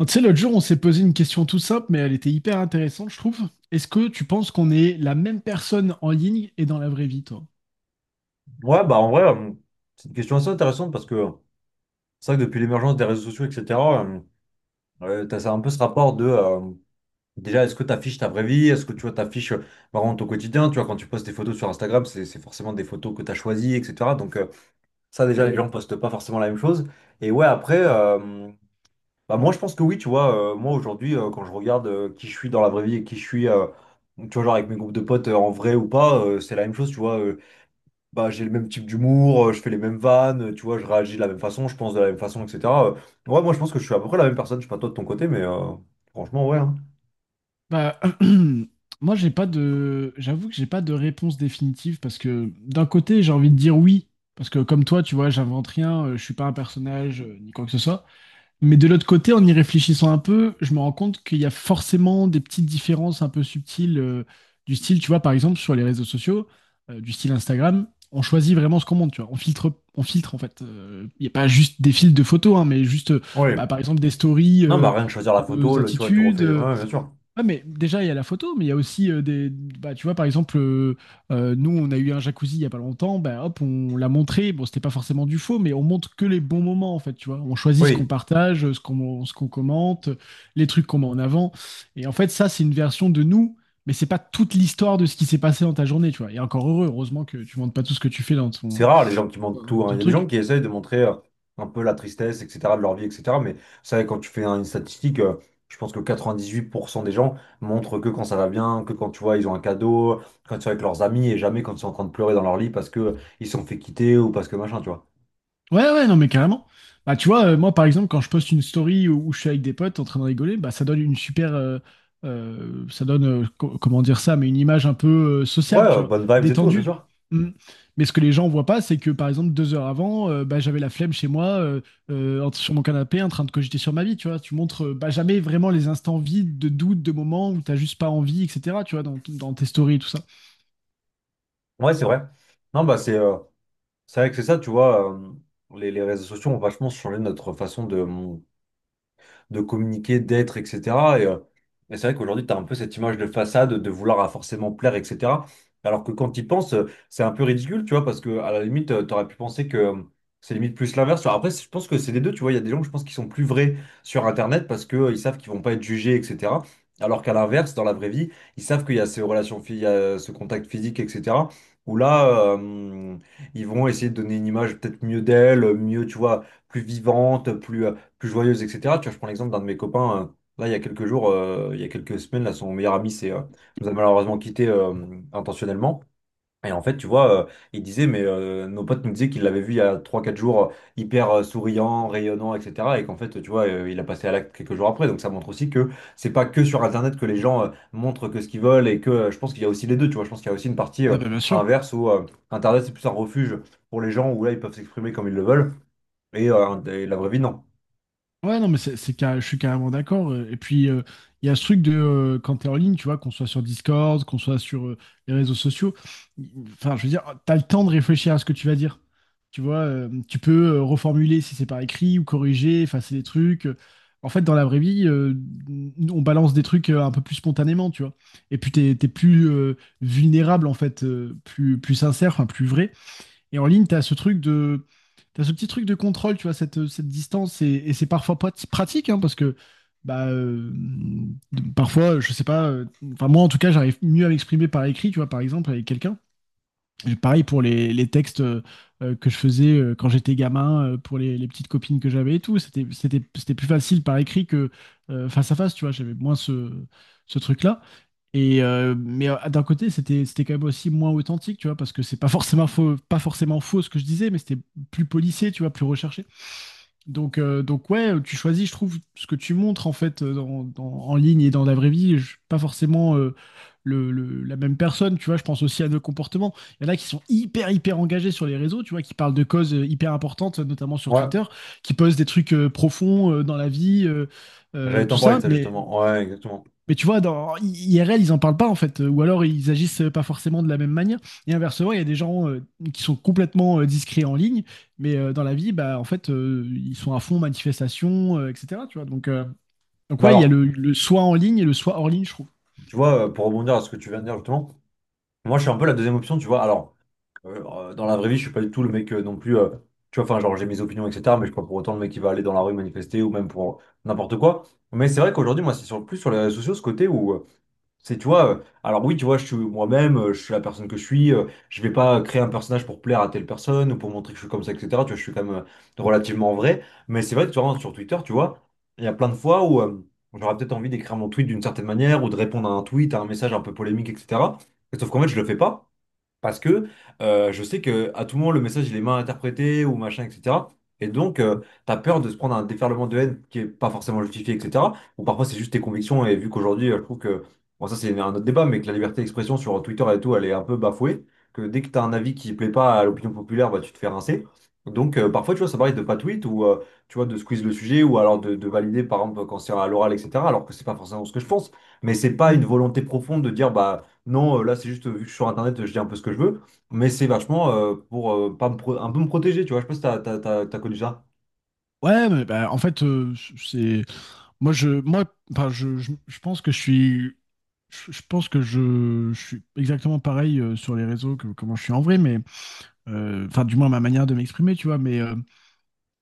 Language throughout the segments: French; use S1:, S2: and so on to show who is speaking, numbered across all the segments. S1: Tu sais, l'autre jour, on s'est posé une question tout simple, mais elle était hyper intéressante, je trouve. Est-ce que tu penses qu'on est la même personne en ligne et dans la vraie vie, toi?
S2: Ouais, bah en vrai, c'est une question assez intéressante parce que c'est vrai que depuis l'émergence des réseaux sociaux, etc., euh, ouais, t'as ça, un peu ce rapport de déjà, est-ce que tu affiches ta vraie vie? Est-ce que tu vois, t'affiches vraiment ton quotidien? Tu vois, quand tu postes des photos sur Instagram, c'est forcément des photos que tu as choisies, etc. Donc, ça, déjà, les gens postent pas forcément la même chose. Et ouais, après, bah, moi, je pense que oui, tu vois, moi aujourd'hui, quand je regarde qui je suis dans la vraie vie et qui je suis, tu vois, genre avec mes groupes de potes en vrai ou pas, c'est la même chose, tu vois. Bah, j'ai le même type d'humour, je fais les mêmes vannes, tu vois, je réagis de la même façon, je pense de la même façon, etc. Euh, ouais, moi je pense que je suis à peu près la même personne, je sais pas toi de ton côté, mais franchement, ouais, hein.
S1: Bah, moi, j'avoue que j'ai pas de réponse définitive parce que d'un côté, j'ai envie de dire oui, parce que comme toi, tu vois, j'invente rien, je suis pas un personnage, ni quoi que ce soit. Mais de l'autre côté, en y réfléchissant un peu, je me rends compte qu'il y a forcément des petites différences un peu subtiles du style, tu vois, par exemple, sur les réseaux sociaux, du style Instagram, on choisit vraiment ce qu'on monte, tu vois. On filtre en fait. Il n'y a pas juste des filtres de photos, hein, mais juste, bah,
S2: Ouais.
S1: par exemple, des stories
S2: Non, bah rien que choisir la
S1: de
S2: photo,
S1: nos
S2: tu vois, tu
S1: attitudes.
S2: refais. Ouais, bien sûr.
S1: Ouais, mais déjà, il y a la photo, mais il y a aussi des. Bah, tu vois, par exemple, nous, on a eu un jacuzzi il y a pas longtemps, bah, hop, on l'a montré. Bon, c'était pas forcément du faux, mais on montre que les bons moments, en fait, tu vois. On choisit ce qu'on
S2: Oui.
S1: partage, ce qu'on commente, les trucs qu'on met en avant. Et en fait, ça, c'est une version de nous, mais c'est pas toute l'histoire de ce qui s'est passé dans ta journée, tu vois. Et encore heureux, heureusement que tu montres pas tout ce que tu fais dans
S2: C'est
S1: ton,
S2: rare les gens qui montrent tout,
S1: dans
S2: hein.
S1: ton
S2: Il y a des gens
S1: truc.
S2: qui essayent de montrer un peu la tristesse, etc., de leur vie, etc. Mais ça, quand tu fais hein, une statistique, je pense que 98% des gens montrent que quand ça va bien, que quand tu vois, ils ont un cadeau, quand ils sont avec leurs amis et jamais quand ils sont en train de pleurer dans leur lit parce que ils se sont fait quitter ou parce que machin, tu vois.
S1: Ouais, ouais, non, mais carrément. Bah, tu vois, moi, par exemple, quand je poste une story où je suis avec des potes en train de rigoler, bah, ça donne une super. Ça donne, comment dire ça, mais une image un peu
S2: Ouais,
S1: sociable, tu vois,
S2: bonnes vibes et tout, ouais, bien
S1: détendue.
S2: sûr.
S1: Mm. Mais ce que les gens voient pas, c'est que, par exemple, 2 heures avant, bah, j'avais la flemme chez moi, sur mon canapé, en train de cogiter sur ma vie, tu vois. Tu montres bah, jamais vraiment les instants vides de doute, de moments où t'as juste pas envie, etc., tu vois, dans tes stories et tout ça.
S2: Ouais, c'est vrai. Non, bah c'est vrai que c'est ça, tu vois, les réseaux sociaux ont vachement changé notre façon de communiquer, d'être, etc. Et, euh, et c'est vrai qu'aujourd'hui, tu as un peu cette image de façade, de vouloir à forcément plaire, etc. Alors que quand tu y penses, c'est un peu ridicule, tu vois, parce que à la limite, tu aurais pu penser que c'est limite plus l'inverse. Alors après, je pense que c'est des deux, tu vois, il y a des gens, je pense, qui sont plus vrais sur Internet parce qu'ils savent qu'ils vont pas être jugés, etc. Alors qu'à l'inverse, dans la vraie vie, ils savent qu'il y a ces relations, il y a ce contact physique, etc. Où là, ils vont essayer de donner une image peut-être mieux d'elle, mieux, tu vois, plus vivante, plus joyeuse, etc. Tu vois, je prends l'exemple d'un de mes copains, là, il y a quelques jours, il y a quelques semaines, là, son meilleur ami c'est nous a malheureusement quittés intentionnellement. Et en fait, tu vois, il disait, mais nos potes nous disaient qu'il l'avait vu il y a trois quatre jours, hyper souriant, rayonnant, etc. Et qu'en fait, tu vois, il a passé à l'acte quelques jours après. Donc ça montre aussi que c'est pas que sur Internet que les gens montrent que ce qu'ils veulent et que je pense qu'il y a aussi les deux, tu vois. Je pense qu'il y a aussi une partie
S1: Ah, bah, bien sûr.
S2: inverse où Internet, c'est plus un refuge pour les gens où là, ils peuvent s'exprimer comme ils le veulent. Et la vraie vie, non.
S1: Ouais, non, mais je suis carrément d'accord. Et puis, il y a ce truc de quand t'es en ligne, tu vois, qu'on soit sur Discord, qu'on soit sur les réseaux sociaux, enfin, je veux dire, t'as le temps de réfléchir à ce que tu vas dire. Tu vois, tu peux reformuler si c'est par écrit ou corriger, effacer des trucs. En fait, dans la vraie vie, on balance des trucs un peu plus spontanément, tu vois. Et puis, t'es plus vulnérable, en fait, plus sincère, enfin, plus vrai. Et en ligne, tu as ce truc de, t'as ce petit truc de contrôle, tu vois, cette distance, et c'est parfois pas pratique, hein, parce que bah, parfois, je sais pas, enfin moi en tout cas, j'arrive mieux à m'exprimer par écrit, tu vois, par exemple, avec quelqu'un. Et pareil pour les textes que je faisais quand j'étais gamin, pour les petites copines que j'avais et tout, c'était plus facile par écrit que face à face, tu vois, j'avais moins ce truc-là. Et mais d'un côté, c'était quand même aussi moins authentique, tu vois, parce que c'est pas forcément faux, pas forcément faux ce que je disais, mais c'était plus policier, tu vois, plus recherché. Donc ouais, tu choisis, je trouve, ce que tu montres en fait en ligne et dans la vraie vie, pas forcément la même personne, tu vois. Je pense aussi à nos comportements. Il y en a qui sont hyper hyper engagés sur les réseaux, tu vois, qui parlent de causes hyper importantes, notamment sur
S2: Ouais.
S1: Twitter, qui posent des trucs profonds dans la vie,
S2: J'allais t'en
S1: tout
S2: parler
S1: ça,
S2: de ça
S1: mais
S2: justement. Ouais, exactement.
S1: mais tu vois, dans IRL, ils en parlent pas en fait, ou alors ils agissent pas forcément de la même manière. Et inversement, il y a des gens qui sont complètement discrets en ligne, mais dans la vie, bah en fait, ils sont à fond manifestation, etc. Tu vois, donc
S2: Bah
S1: ouais, il y a
S2: alors,
S1: le soi en ligne et le soi hors ligne, je trouve.
S2: tu vois, pour rebondir à ce que tu viens de dire justement, moi je suis un peu la deuxième option, tu vois. Alors, dans la vraie vie, je suis pas du tout le mec non plus. Tu vois, enfin, genre j'ai mes opinions, etc. Mais je suis pas pour autant le mec qui va aller dans la rue manifester ou même pour n'importe quoi. Mais c'est vrai qu'aujourd'hui, moi, c'est sur, plus sur les réseaux sociaux ce côté où c'est, tu vois, alors oui, tu vois, je suis moi-même, je suis la personne que je suis, je vais pas créer un personnage pour plaire à telle personne ou pour montrer que je suis comme ça, etc. Tu vois, je suis quand même relativement vrai, mais c'est vrai que tu vois, sur Twitter, tu vois, il y a plein de fois où j'aurais peut-être envie d'écrire mon tweet d'une certaine manière ou de répondre à un tweet, à un message un peu polémique, etc. Sauf qu'en fait, je le fais pas. Parce que je sais que à tout moment, le message, il est mal interprété ou machin, etc. Et donc, t'as peur de se prendre un déferlement de haine qui est pas forcément justifié, etc. Ou parfois, c'est juste tes convictions. Et vu qu'aujourd'hui, je trouve que, bon, ça, c'est un autre débat, mais que la liberté d'expression sur Twitter et tout, elle est un peu bafouée. Que dès que t'as un avis qui plaît pas à l'opinion populaire, bah, tu te fais rincer. Donc, parfois, tu vois, ça m'arrive de pas tweet ou, tu vois, de squeeze le sujet ou alors de valider, par exemple, quand c'est à l'oral, etc. Alors que c'est pas forcément ce que je pense. Mais c'est pas une
S1: Mm.
S2: volonté profonde de dire, bah, non, là, c'est juste, vu que je suis sur Internet, je dis un peu ce que je veux. Mais c'est vachement pour pas me pro- un peu me protéger, tu vois. Je sais pas si t'as connu ça.
S1: Ouais, mais bah, en fait, c'est moi je moi enfin, je pense que je suis je pense que je suis exactement pareil sur les réseaux que comment je suis en vrai, mais enfin du moins ma manière de m'exprimer, tu vois, mais euh,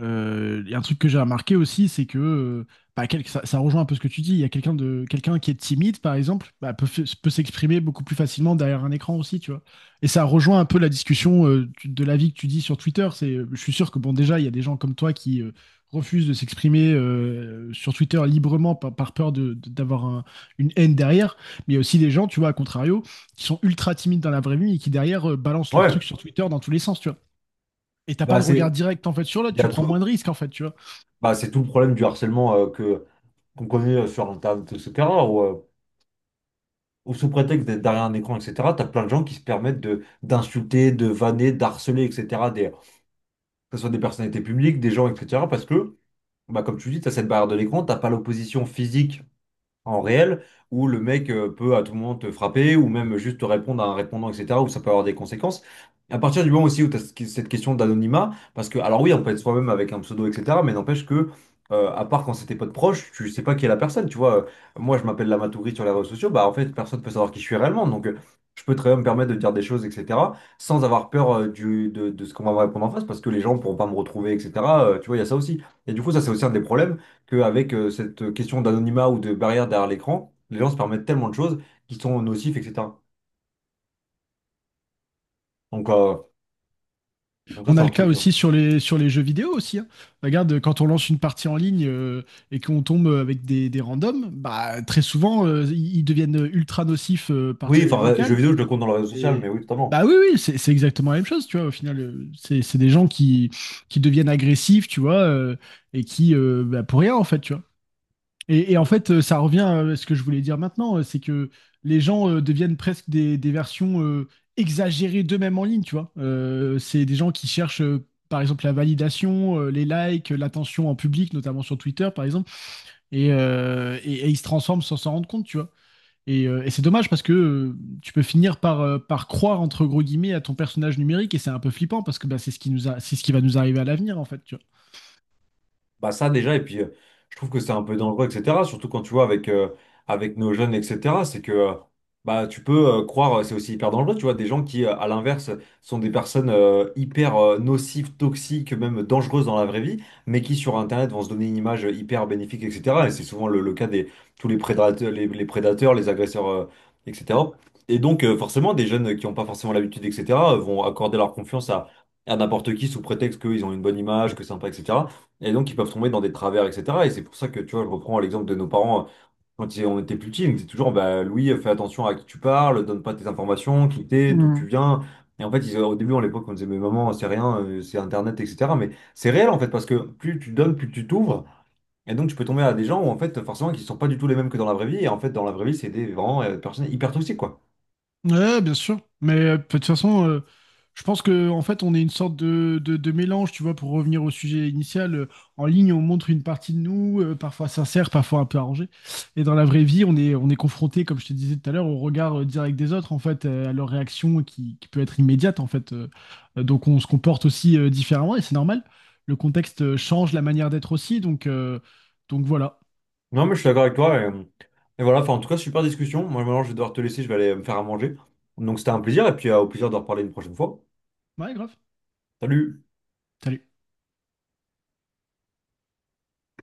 S1: Euh, et un truc que j'ai remarqué aussi, c'est que bah, ça, ça rejoint un peu ce que tu dis. Il y a quelqu'un qui est timide, par exemple, bah, peut s'exprimer beaucoup plus facilement derrière un écran aussi, tu vois. Et ça rejoint un peu la discussion de l'avis que tu dis sur Twitter. Je suis sûr que bon, déjà, il y a des gens comme toi qui refusent de s'exprimer sur Twitter librement par peur d'avoir une haine derrière. Mais il y a aussi des gens, tu vois, à contrario, qui sont ultra timides dans la vraie vie et qui derrière balancent leurs trucs
S2: Ouais,
S1: sur Twitter dans tous les sens, tu vois. Et t'as pas
S2: bah
S1: de
S2: c'est
S1: regard direct en fait sur
S2: il
S1: l'autre,
S2: y
S1: tu
S2: a
S1: prends moins
S2: tout,
S1: de risques en fait, tu vois.
S2: bah, c'est tout le problème du harcèlement que qu'on connaît sur Internet, etc. Où, où sous prétexte d'être derrière un écran, etc., t'as plein de gens qui se permettent de d'insulter, de vanner, d'harceler, etc. Des, que ce soit des personnalités publiques, des gens, etc. Parce que, bah, comme tu dis, t'as cette barrière de l'écran, t'as pas l'opposition physique en réel, où le mec peut à tout moment te frapper, ou même juste te répondre à un répondant, etc., où ça peut avoir des conséquences. À partir du moment aussi où tu as cette question d'anonymat, parce que, alors oui, on peut être soi-même avec un pseudo, etc., mais n'empêche que, à part quand c'était pas de proche, tu sais pas qui est la personne, tu vois. Moi, je m'appelle Lamatouri sur les réseaux sociaux, bah en fait, personne peut savoir qui je suis réellement, donc je peux très bien me permettre de dire des choses, etc., sans avoir peur de ce qu'on va me répondre en face, parce que les gens pourront pas me retrouver, etc. Tu vois, il y a ça aussi. Et du coup, ça, c'est aussi un des problèmes qu'avec cette question d'anonymat ou de barrière derrière l'écran, les gens se permettent tellement de choses qui sont nocifs, etc. Donc, donc ça,
S1: On
S2: c'est
S1: a
S2: un
S1: le cas
S2: truc.
S1: aussi sur les jeux vidéo aussi, hein. Regarde, quand on lance une partie en ligne et qu'on tombe avec des randoms, bah très souvent ils deviennent ultra nocifs par
S2: Oui,
S1: channel
S2: enfin, jeux
S1: vocal.
S2: vidéo, je le compte dans le réseau social, mais
S1: Et
S2: oui,
S1: bah
S2: totalement.
S1: oui, oui, c'est exactement la même chose, tu vois. Au final, c'est des gens qui deviennent agressifs, tu vois, et qui bah, pour rien en fait, tu vois. Et en fait, ça revient à ce que je voulais dire maintenant, c'est que les gens deviennent presque des versions exagérées d'eux-mêmes en ligne, tu vois. C'est des gens qui cherchent, par exemple, la validation, les likes, l'attention en public, notamment sur Twitter, par exemple, et ils se transforment sans s'en rendre compte, tu vois. Et c'est dommage parce que tu peux finir par croire, entre gros guillemets, à ton personnage numérique, et c'est un peu flippant parce que bah, c'est ce qui va nous arriver à l'avenir, en fait, tu vois.
S2: Bah ça déjà, et puis je trouve que c'est un peu dangereux, etc. Surtout quand tu vois avec, avec nos jeunes, etc. C'est que bah, tu peux croire, c'est aussi hyper dangereux, tu vois, des gens qui, à l'inverse, sont des personnes hyper nocives, toxiques, même dangereuses dans la vraie vie, mais qui sur Internet vont se donner une image hyper bénéfique, etc. Et c'est souvent le cas des tous les prédateurs, les agresseurs, etc. Et donc forcément, des jeunes qui n'ont pas forcément l'habitude, etc., vont accorder leur confiance à n'importe qui sous prétexte qu'ils ont une bonne image, que c'est sympa, etc. Et donc, ils peuvent tomber dans des travers, etc. Et c'est pour ça que, tu vois, je reprends l'exemple de nos parents quand on était plus petits. Donc c'est toujours, bah, Louis, fais attention à qui tu parles, donne pas tes informations, qui t'es, d'où tu viens. Et en fait, ils, au début, à l'époque, on disait, mais maman, c'est rien, c'est Internet, etc. Mais c'est réel, en fait, parce que plus tu donnes, plus tu t'ouvres. Et donc, tu peux tomber à des gens où, en fait, forcément, qui sont pas du tout les mêmes que dans la vraie vie. Et en fait, dans la vraie vie, c'est des vraiment personnes hyper toxiques, quoi.
S1: Ouais, bien sûr. Mais de toute façon, je pense que en fait, on est une sorte de mélange, tu vois, pour revenir au sujet initial. En ligne, on montre une partie de nous, parfois sincère, parfois un peu arrangée. Et dans la vraie vie, on est confronté, comme je te disais tout à l'heure, au regard direct des autres, en fait, à leur réaction qui peut être immédiate, en fait. Donc, on se comporte aussi différemment et c'est normal. Le contexte change la manière d'être aussi. Donc voilà.
S2: Non, mais je suis d'accord avec toi. Et voilà, enfin, en tout cas, super discussion. Moi, maintenant, je vais devoir te laisser, je vais aller me faire à manger. Donc, c'était un plaisir. Et puis, au plaisir de reparler une prochaine fois.
S1: Ouais, grave.
S2: Salut!
S1: Salut.